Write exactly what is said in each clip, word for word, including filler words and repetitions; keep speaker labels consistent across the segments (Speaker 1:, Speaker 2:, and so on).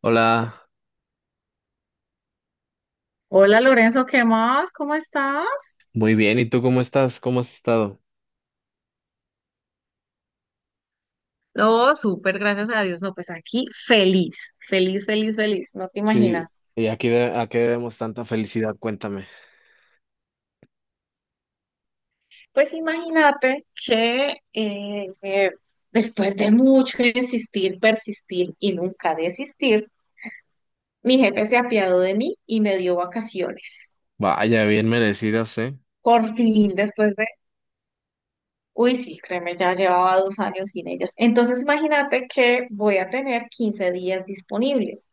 Speaker 1: Hola,
Speaker 2: Hola Lorenzo, ¿qué más? ¿Cómo estás?
Speaker 1: muy bien. ¿Y tú cómo estás? ¿Cómo has estado?
Speaker 2: Oh, súper, gracias a Dios. No, pues aquí feliz, feliz, feliz, feliz, no te
Speaker 1: Sí,
Speaker 2: imaginas.
Speaker 1: ¿y a qué, de- a qué debemos tanta felicidad? Cuéntame.
Speaker 2: Pues imagínate que eh, eh, después de mucho insistir, persistir y nunca desistir, mi jefe se apiadó de mí y me dio vacaciones.
Speaker 1: Vaya, bien merecidas, ¿eh?
Speaker 2: Por fin, después de, uy, sí, créeme, ya llevaba dos años sin ellas. Entonces imagínate que voy a tener quince días disponibles.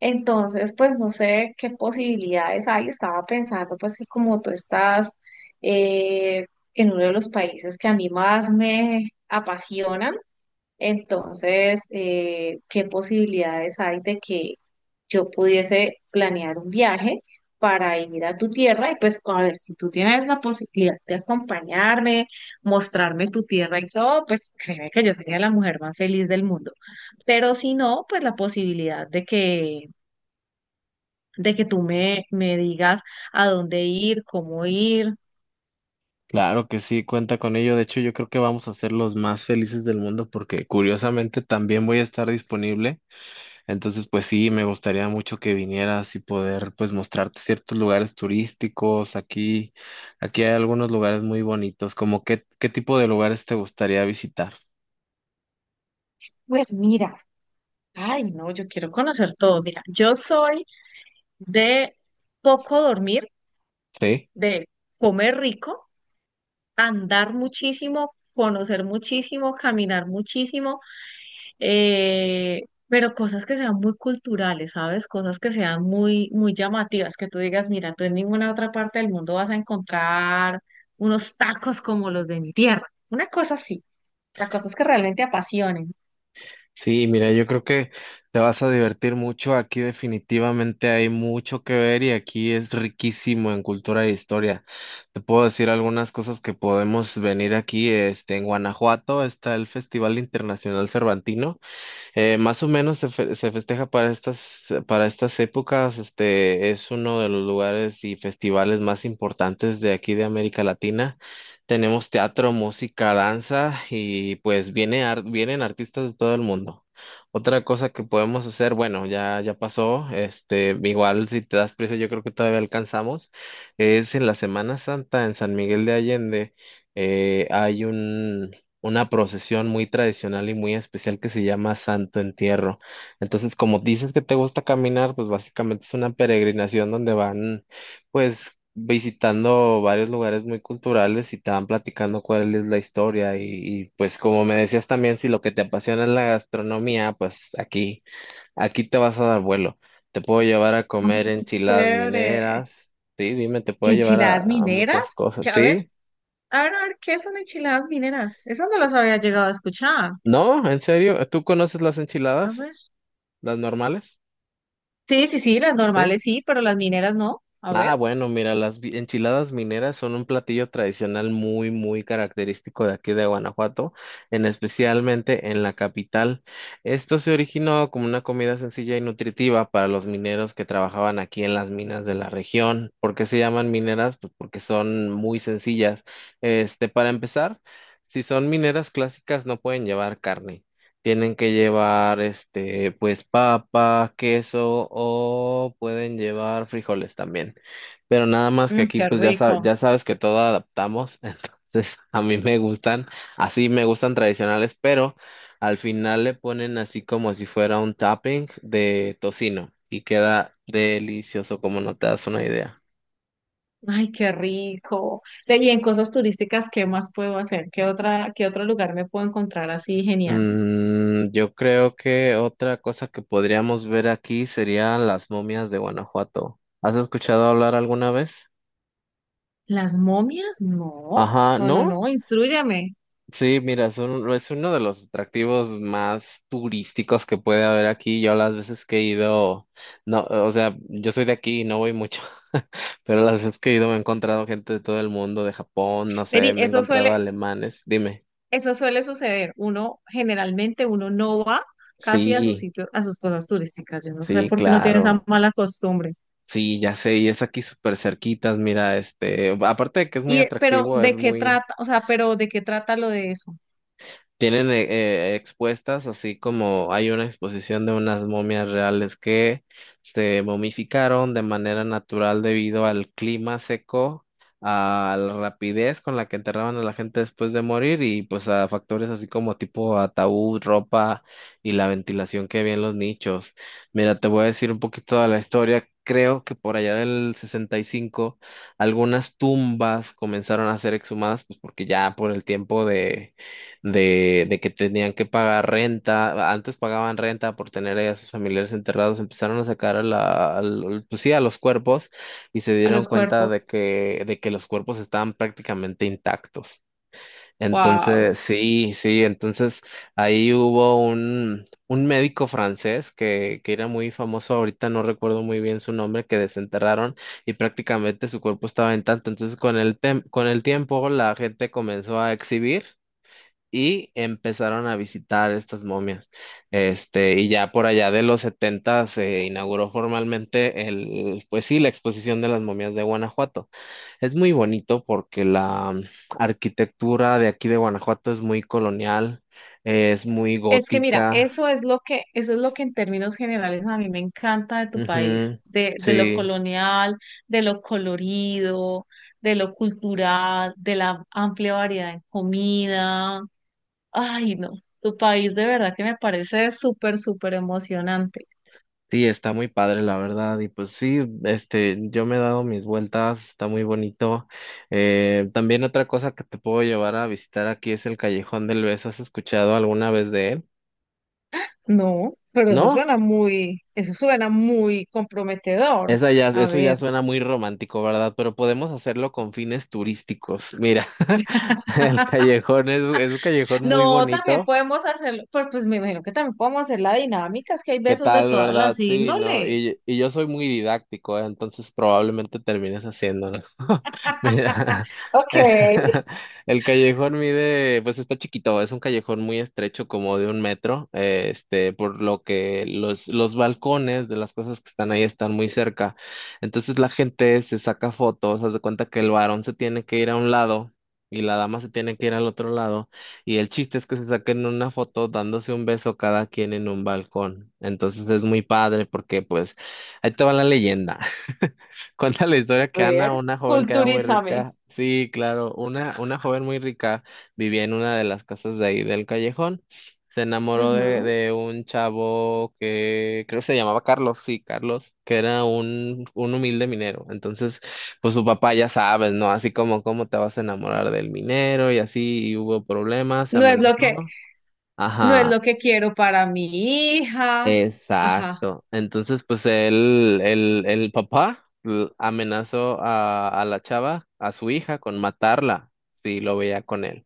Speaker 2: Entonces, pues no sé qué posibilidades hay. Estaba pensando, pues que como tú estás eh, en uno de los países que a mí más me apasionan. Entonces, eh, ¿qué posibilidades hay de que yo pudiese planear un viaje para ir a tu tierra? Y pues, a ver, si tú tienes la posibilidad de acompañarme, mostrarme tu tierra y todo, pues créeme que yo sería la mujer más feliz del mundo. Pero si no, pues la posibilidad de que de que tú me, me digas a dónde ir, cómo ir.
Speaker 1: Claro que sí, cuenta con ello. De hecho, yo creo que vamos a ser los más felices del mundo porque curiosamente también voy a estar disponible. Entonces, pues sí, me gustaría mucho que vinieras y poder pues mostrarte ciertos lugares turísticos. Aquí, aquí hay algunos lugares muy bonitos. ¿Como qué, qué tipo de lugares te gustaría visitar?
Speaker 2: Pues mira, ay, no, yo quiero conocer todo. Mira, yo soy de poco dormir,
Speaker 1: ¿Sí?
Speaker 2: de comer rico, andar muchísimo, conocer muchísimo, caminar muchísimo, eh, pero cosas que sean muy culturales, ¿sabes? Cosas que sean muy, muy llamativas, que tú digas, mira, tú en ninguna otra parte del mundo vas a encontrar unos tacos como los de mi tierra. Una cosa así, o sea, cosas que realmente apasionen.
Speaker 1: Sí, mira, yo creo que te vas a divertir mucho. Aquí definitivamente hay mucho que ver y aquí es riquísimo en cultura e historia. Te puedo decir algunas cosas que podemos venir aquí. Este, en Guanajuato está el Festival Internacional Cervantino. Eh, más o menos se, fe- se festeja para estas, para estas épocas. Este es uno de los lugares y festivales más importantes de aquí de América Latina. Tenemos teatro, música, danza y pues viene ar- vienen artistas de todo el mundo. Otra cosa que podemos hacer, bueno, ya, ya pasó, este, igual si te das prisa, yo creo que todavía alcanzamos, es en la Semana Santa en San Miguel de Allende, eh, hay un, una procesión muy tradicional y muy especial que se llama Santo Entierro. Entonces, como dices que te gusta caminar, pues básicamente es una peregrinación donde van, pues, visitando varios lugares muy culturales y te van platicando cuál es la historia. Y, y, pues, como me decías también, si lo que te apasiona es la gastronomía, pues aquí, aquí te vas a dar vuelo. Te puedo llevar a
Speaker 2: Ah,
Speaker 1: comer enchiladas
Speaker 2: chévere.
Speaker 1: mineras. Sí, dime, te
Speaker 2: ¿Qué
Speaker 1: puedo llevar a,
Speaker 2: enchiladas
Speaker 1: a
Speaker 2: mineras?
Speaker 1: muchas cosas.
Speaker 2: Que, a ver,
Speaker 1: ¿Sí?
Speaker 2: a ver, a ver, ¿qué son enchiladas mineras? Esas no las había llegado a escuchar.
Speaker 1: ¿No? ¿En serio? ¿Tú conoces las
Speaker 2: A
Speaker 1: enchiladas?
Speaker 2: ver.
Speaker 1: Las normales,
Speaker 2: Sí, sí, sí, las
Speaker 1: ¿sí?
Speaker 2: normales sí, pero las mineras no. A
Speaker 1: Ah,
Speaker 2: ver.
Speaker 1: bueno, mira, las vi- enchiladas mineras son un platillo tradicional muy, muy característico de aquí de Guanajuato, en especialmente en la capital. Esto se originó como una comida sencilla y nutritiva para los mineros que trabajaban aquí en las minas de la región. ¿Por qué se llaman mineras? Pues porque son muy sencillas. Este, para empezar, si son mineras clásicas, no pueden llevar carne. Tienen que llevar, este, pues papa, queso o pueden llevar frijoles también. Pero nada más que
Speaker 2: Mm,
Speaker 1: aquí
Speaker 2: qué
Speaker 1: pues ya, sa-
Speaker 2: rico.
Speaker 1: ya sabes que todo adaptamos, entonces a mí me gustan, así me gustan tradicionales, pero al final le ponen así como si fuera un topping de tocino y queda delicioso como no te das una idea.
Speaker 2: Ay, qué rico. Ve, y en cosas turísticas, ¿qué más puedo hacer? ¿Qué otra, qué otro lugar me puedo encontrar así genial?
Speaker 1: Mm, yo creo que otra cosa que podríamos ver aquí serían las momias de Guanajuato. ¿Has escuchado hablar alguna vez?
Speaker 2: ¿Las momias? No,
Speaker 1: Ajá,
Speaker 2: no, no,
Speaker 1: ¿no?
Speaker 2: no, instrúyame.
Speaker 1: Sí, mira, es, un- es uno de los atractivos más turísticos que puede haber aquí. Yo las veces que he ido, no, o sea, yo soy de aquí y no voy mucho, pero las veces que he ido me he encontrado gente de todo el mundo, de Japón, no sé,
Speaker 2: Vení,
Speaker 1: me he
Speaker 2: eso
Speaker 1: encontrado
Speaker 2: suele,
Speaker 1: alemanes. Dime.
Speaker 2: eso suele suceder. Uno, generalmente uno no va casi a sus
Speaker 1: Sí,
Speaker 2: sitios, a sus cosas turísticas. Yo no sé
Speaker 1: sí,
Speaker 2: por qué uno tiene esa
Speaker 1: claro.
Speaker 2: mala costumbre.
Speaker 1: Sí, ya sé, y es aquí súper cerquitas, mira, este, aparte de que es muy
Speaker 2: Y, eh, pero,
Speaker 1: atractivo, es
Speaker 2: ¿de qué
Speaker 1: muy.
Speaker 2: trata? O sea, pero ¿de qué trata lo de eso?
Speaker 1: Tienen eh, eh, expuestas, así como hay una exposición de unas momias reales que se momificaron de manera natural debido al clima seco, a la rapidez con la que enterraban a la gente después de morir y pues a factores así como tipo ataúd, ropa y la ventilación que había en los nichos. Mira, te voy a decir un poquito de la historia. Creo que por allá del sesenta y cinco algunas tumbas comenzaron a ser exhumadas, pues porque ya por el tiempo de de, de que tenían que pagar renta, antes pagaban renta por tener ahí a sus familiares enterrados, empezaron a sacar a la, al- pues sí, a los cuerpos y se
Speaker 2: A
Speaker 1: dieron
Speaker 2: los
Speaker 1: cuenta de
Speaker 2: cuerpos.
Speaker 1: que, de que los cuerpos estaban prácticamente intactos.
Speaker 2: Wow.
Speaker 1: Entonces, sí, sí, entonces ahí hubo un, un médico francés que, que era muy famoso, ahorita no recuerdo muy bien su nombre, que desenterraron y prácticamente su cuerpo estaba intacto. Entonces, con el, tem- con el tiempo, la gente comenzó a exhibir y empezaron a visitar estas momias. Este, y ya por allá de los setenta se inauguró formalmente el, pues sí, la exposición de las momias de Guanajuato. Es muy bonito porque la mm, arquitectura de aquí de Guanajuato es muy colonial, eh, es muy
Speaker 2: Es que mira,
Speaker 1: gótica.
Speaker 2: eso es lo que, eso es lo que en términos generales a mí me encanta de tu
Speaker 1: Ujú,
Speaker 2: país, de, de lo
Speaker 1: sí.
Speaker 2: colonial, de lo colorido, de lo cultural, de la amplia variedad en comida. Ay, no, tu país de verdad que me parece súper, súper emocionante.
Speaker 1: Sí, está muy padre, la verdad. Y pues sí, este, yo me he dado mis vueltas, está muy bonito. Eh, también otra cosa que te puedo llevar a visitar aquí es el Callejón del Beso. ¿Has escuchado alguna vez de él?
Speaker 2: No, pero eso
Speaker 1: ¿No?
Speaker 2: suena muy, eso suena muy comprometedor.
Speaker 1: Esa ya,
Speaker 2: A
Speaker 1: eso ya
Speaker 2: ver,
Speaker 1: suena muy romántico, ¿verdad? Pero podemos hacerlo con fines turísticos. Mira, el callejón es, es un callejón muy
Speaker 2: no, también
Speaker 1: bonito.
Speaker 2: podemos hacerlo, pues, pues me imagino que también podemos hacer la dinámica, es que hay
Speaker 1: ¿Qué
Speaker 2: besos de
Speaker 1: tal,
Speaker 2: todas
Speaker 1: verdad?
Speaker 2: las
Speaker 1: Sí, no, y,
Speaker 2: índoles.
Speaker 1: y yo soy muy didáctico, ¿eh? Entonces probablemente termines haciéndolo. Mira,
Speaker 2: Ok, a
Speaker 1: el callejón mide, pues está chiquito, es un callejón muy estrecho, como de un metro, eh, este, por lo que los, los balcones de las cosas que están ahí están muy cerca. Entonces la gente se saca fotos, haz de cuenta que el varón se tiene que ir a un lado y la dama se tiene que ir al otro lado y el chiste es que se saquen una foto dándose un beso cada quien en un balcón. Entonces es muy padre porque pues ahí te va la leyenda. Cuenta la historia que
Speaker 2: ver,
Speaker 1: Ana, una joven que era muy
Speaker 2: culturízame.
Speaker 1: rica, sí, claro, una, una joven muy rica vivía en una de las casas de ahí del callejón. Se enamoró de,
Speaker 2: Ujú.
Speaker 1: de un chavo que creo que se llamaba Carlos, sí, Carlos, que era un, un humilde minero. Entonces, pues su papá ya sabes, ¿no? Así como, ¿cómo te vas a enamorar del minero? Y así, y hubo problemas, se
Speaker 2: No es lo que,
Speaker 1: amenazó.
Speaker 2: no es
Speaker 1: Ajá.
Speaker 2: lo que quiero para mi hija. Ajá.
Speaker 1: Exacto. Entonces, pues el, el, el papá l- amenazó a, a la chava, a su hija, con matarla si lo veía con él.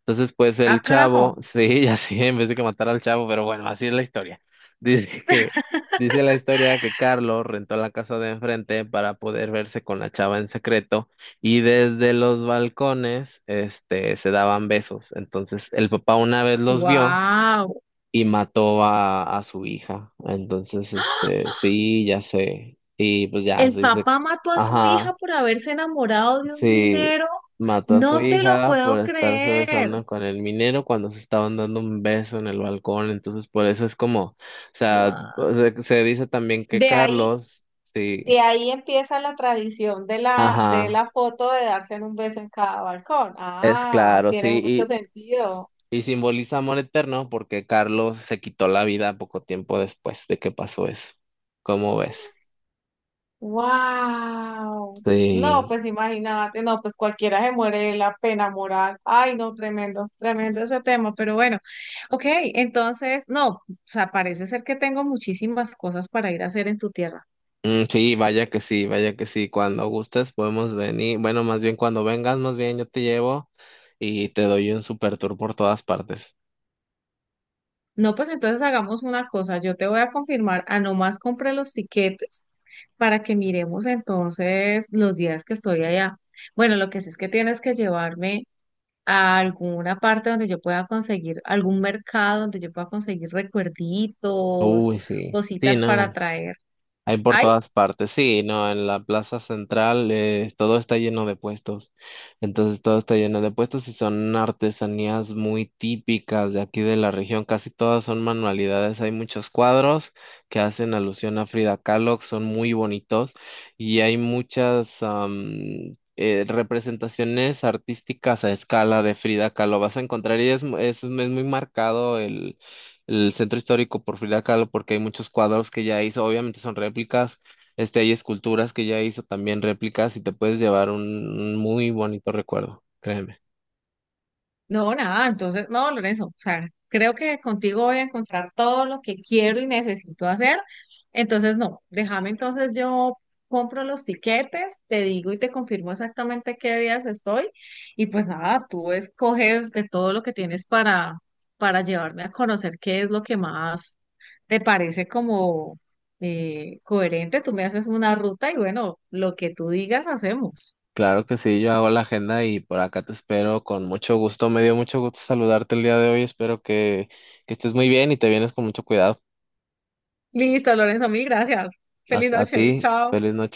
Speaker 1: Entonces, pues
Speaker 2: Ah,
Speaker 1: el chavo,
Speaker 2: carajo.
Speaker 1: sí, ya sí, en vez de que matar al chavo, pero bueno, así es la historia. Dice que, dice la historia que Carlos rentó la casa de enfrente para poder verse con la chava en secreto y desde los balcones, este, se daban besos. Entonces, el papá una vez los vio
Speaker 2: Wow.
Speaker 1: y mató a, a su hija. Entonces, este, sí, ya sé. Y pues ya
Speaker 2: El
Speaker 1: se dice,
Speaker 2: papá mató a su hija
Speaker 1: ajá,
Speaker 2: por haberse enamorado de un
Speaker 1: sí,
Speaker 2: minero.
Speaker 1: mató a su
Speaker 2: No te lo
Speaker 1: hija por
Speaker 2: puedo
Speaker 1: estarse
Speaker 2: creer.
Speaker 1: besando con el minero cuando se estaban dando un beso en el balcón. Entonces, por eso es como, o sea,
Speaker 2: Wow.
Speaker 1: se, se dice también que
Speaker 2: De ahí,
Speaker 1: Carlos,
Speaker 2: de
Speaker 1: sí,
Speaker 2: ahí empieza la tradición de la, de
Speaker 1: ajá,
Speaker 2: la foto de darse un beso en cada balcón.
Speaker 1: es
Speaker 2: Ah,
Speaker 1: claro,
Speaker 2: tiene
Speaker 1: sí,
Speaker 2: mucho
Speaker 1: y.
Speaker 2: sentido.
Speaker 1: Y simboliza amor eterno porque Carlos se quitó la vida poco tiempo después de que pasó eso. ¿Cómo ves?
Speaker 2: Wow. No,
Speaker 1: Sí.
Speaker 2: pues imagínate, no, pues cualquiera se muere de la pena moral. Ay, no, tremendo, tremendo ese tema, pero bueno, ok, entonces, no, o sea, parece ser que tengo muchísimas cosas para ir a hacer en tu tierra.
Speaker 1: Mm, sí, vaya que sí, vaya que sí. Cuando gustes podemos venir. Bueno, más bien cuando vengas, más bien yo te llevo y te doy un super tour por todas partes.
Speaker 2: No, pues entonces hagamos una cosa, yo te voy a confirmar, a nomás compré los tiquetes para que miremos entonces los días que estoy allá. Bueno, lo que sí es que tienes que llevarme a alguna parte donde yo pueda conseguir, algún mercado donde yo pueda conseguir recuerditos,
Speaker 1: Uy, sí. Sí,
Speaker 2: cositas para
Speaker 1: no.
Speaker 2: traer.
Speaker 1: Hay por
Speaker 2: Hay
Speaker 1: todas partes, sí, no, en la plaza central eh, todo está lleno de puestos, entonces todo está lleno de puestos y son artesanías muy típicas de aquí de la región, casi todas son manualidades, hay muchos cuadros que hacen alusión a Frida Kahlo, que son muy bonitos y hay muchas am, eh, representaciones artísticas a escala de Frida Kahlo, vas a encontrar y es, mu- es es muy marcado el centro histórico por Frida Kahlo porque hay muchos cuadros que ya hizo, obviamente son réplicas, este, hay esculturas que ya hizo también réplicas y te puedes llevar un, un muy bonito recuerdo, créeme.
Speaker 2: no, nada, entonces, no, Lorenzo, o sea, creo que contigo voy a encontrar todo lo que quiero y necesito hacer. Entonces, no, déjame entonces yo compro los tiquetes, te digo y te confirmo exactamente qué días estoy. Y pues nada, tú escoges de todo lo que tienes para, para llevarme a conocer qué es lo que más te parece como eh, coherente. Tú me haces una ruta y bueno, lo que tú digas hacemos.
Speaker 1: Claro que sí, yo hago la agenda y por acá te espero con mucho gusto. Me dio mucho gusto saludarte el día de hoy. Espero que, que estés muy bien y te vienes con mucho cuidado.
Speaker 2: Listo, Lorenzo, mil gracias. Feliz
Speaker 1: Hasta a
Speaker 2: noche,
Speaker 1: ti,
Speaker 2: chao.
Speaker 1: feliz noche.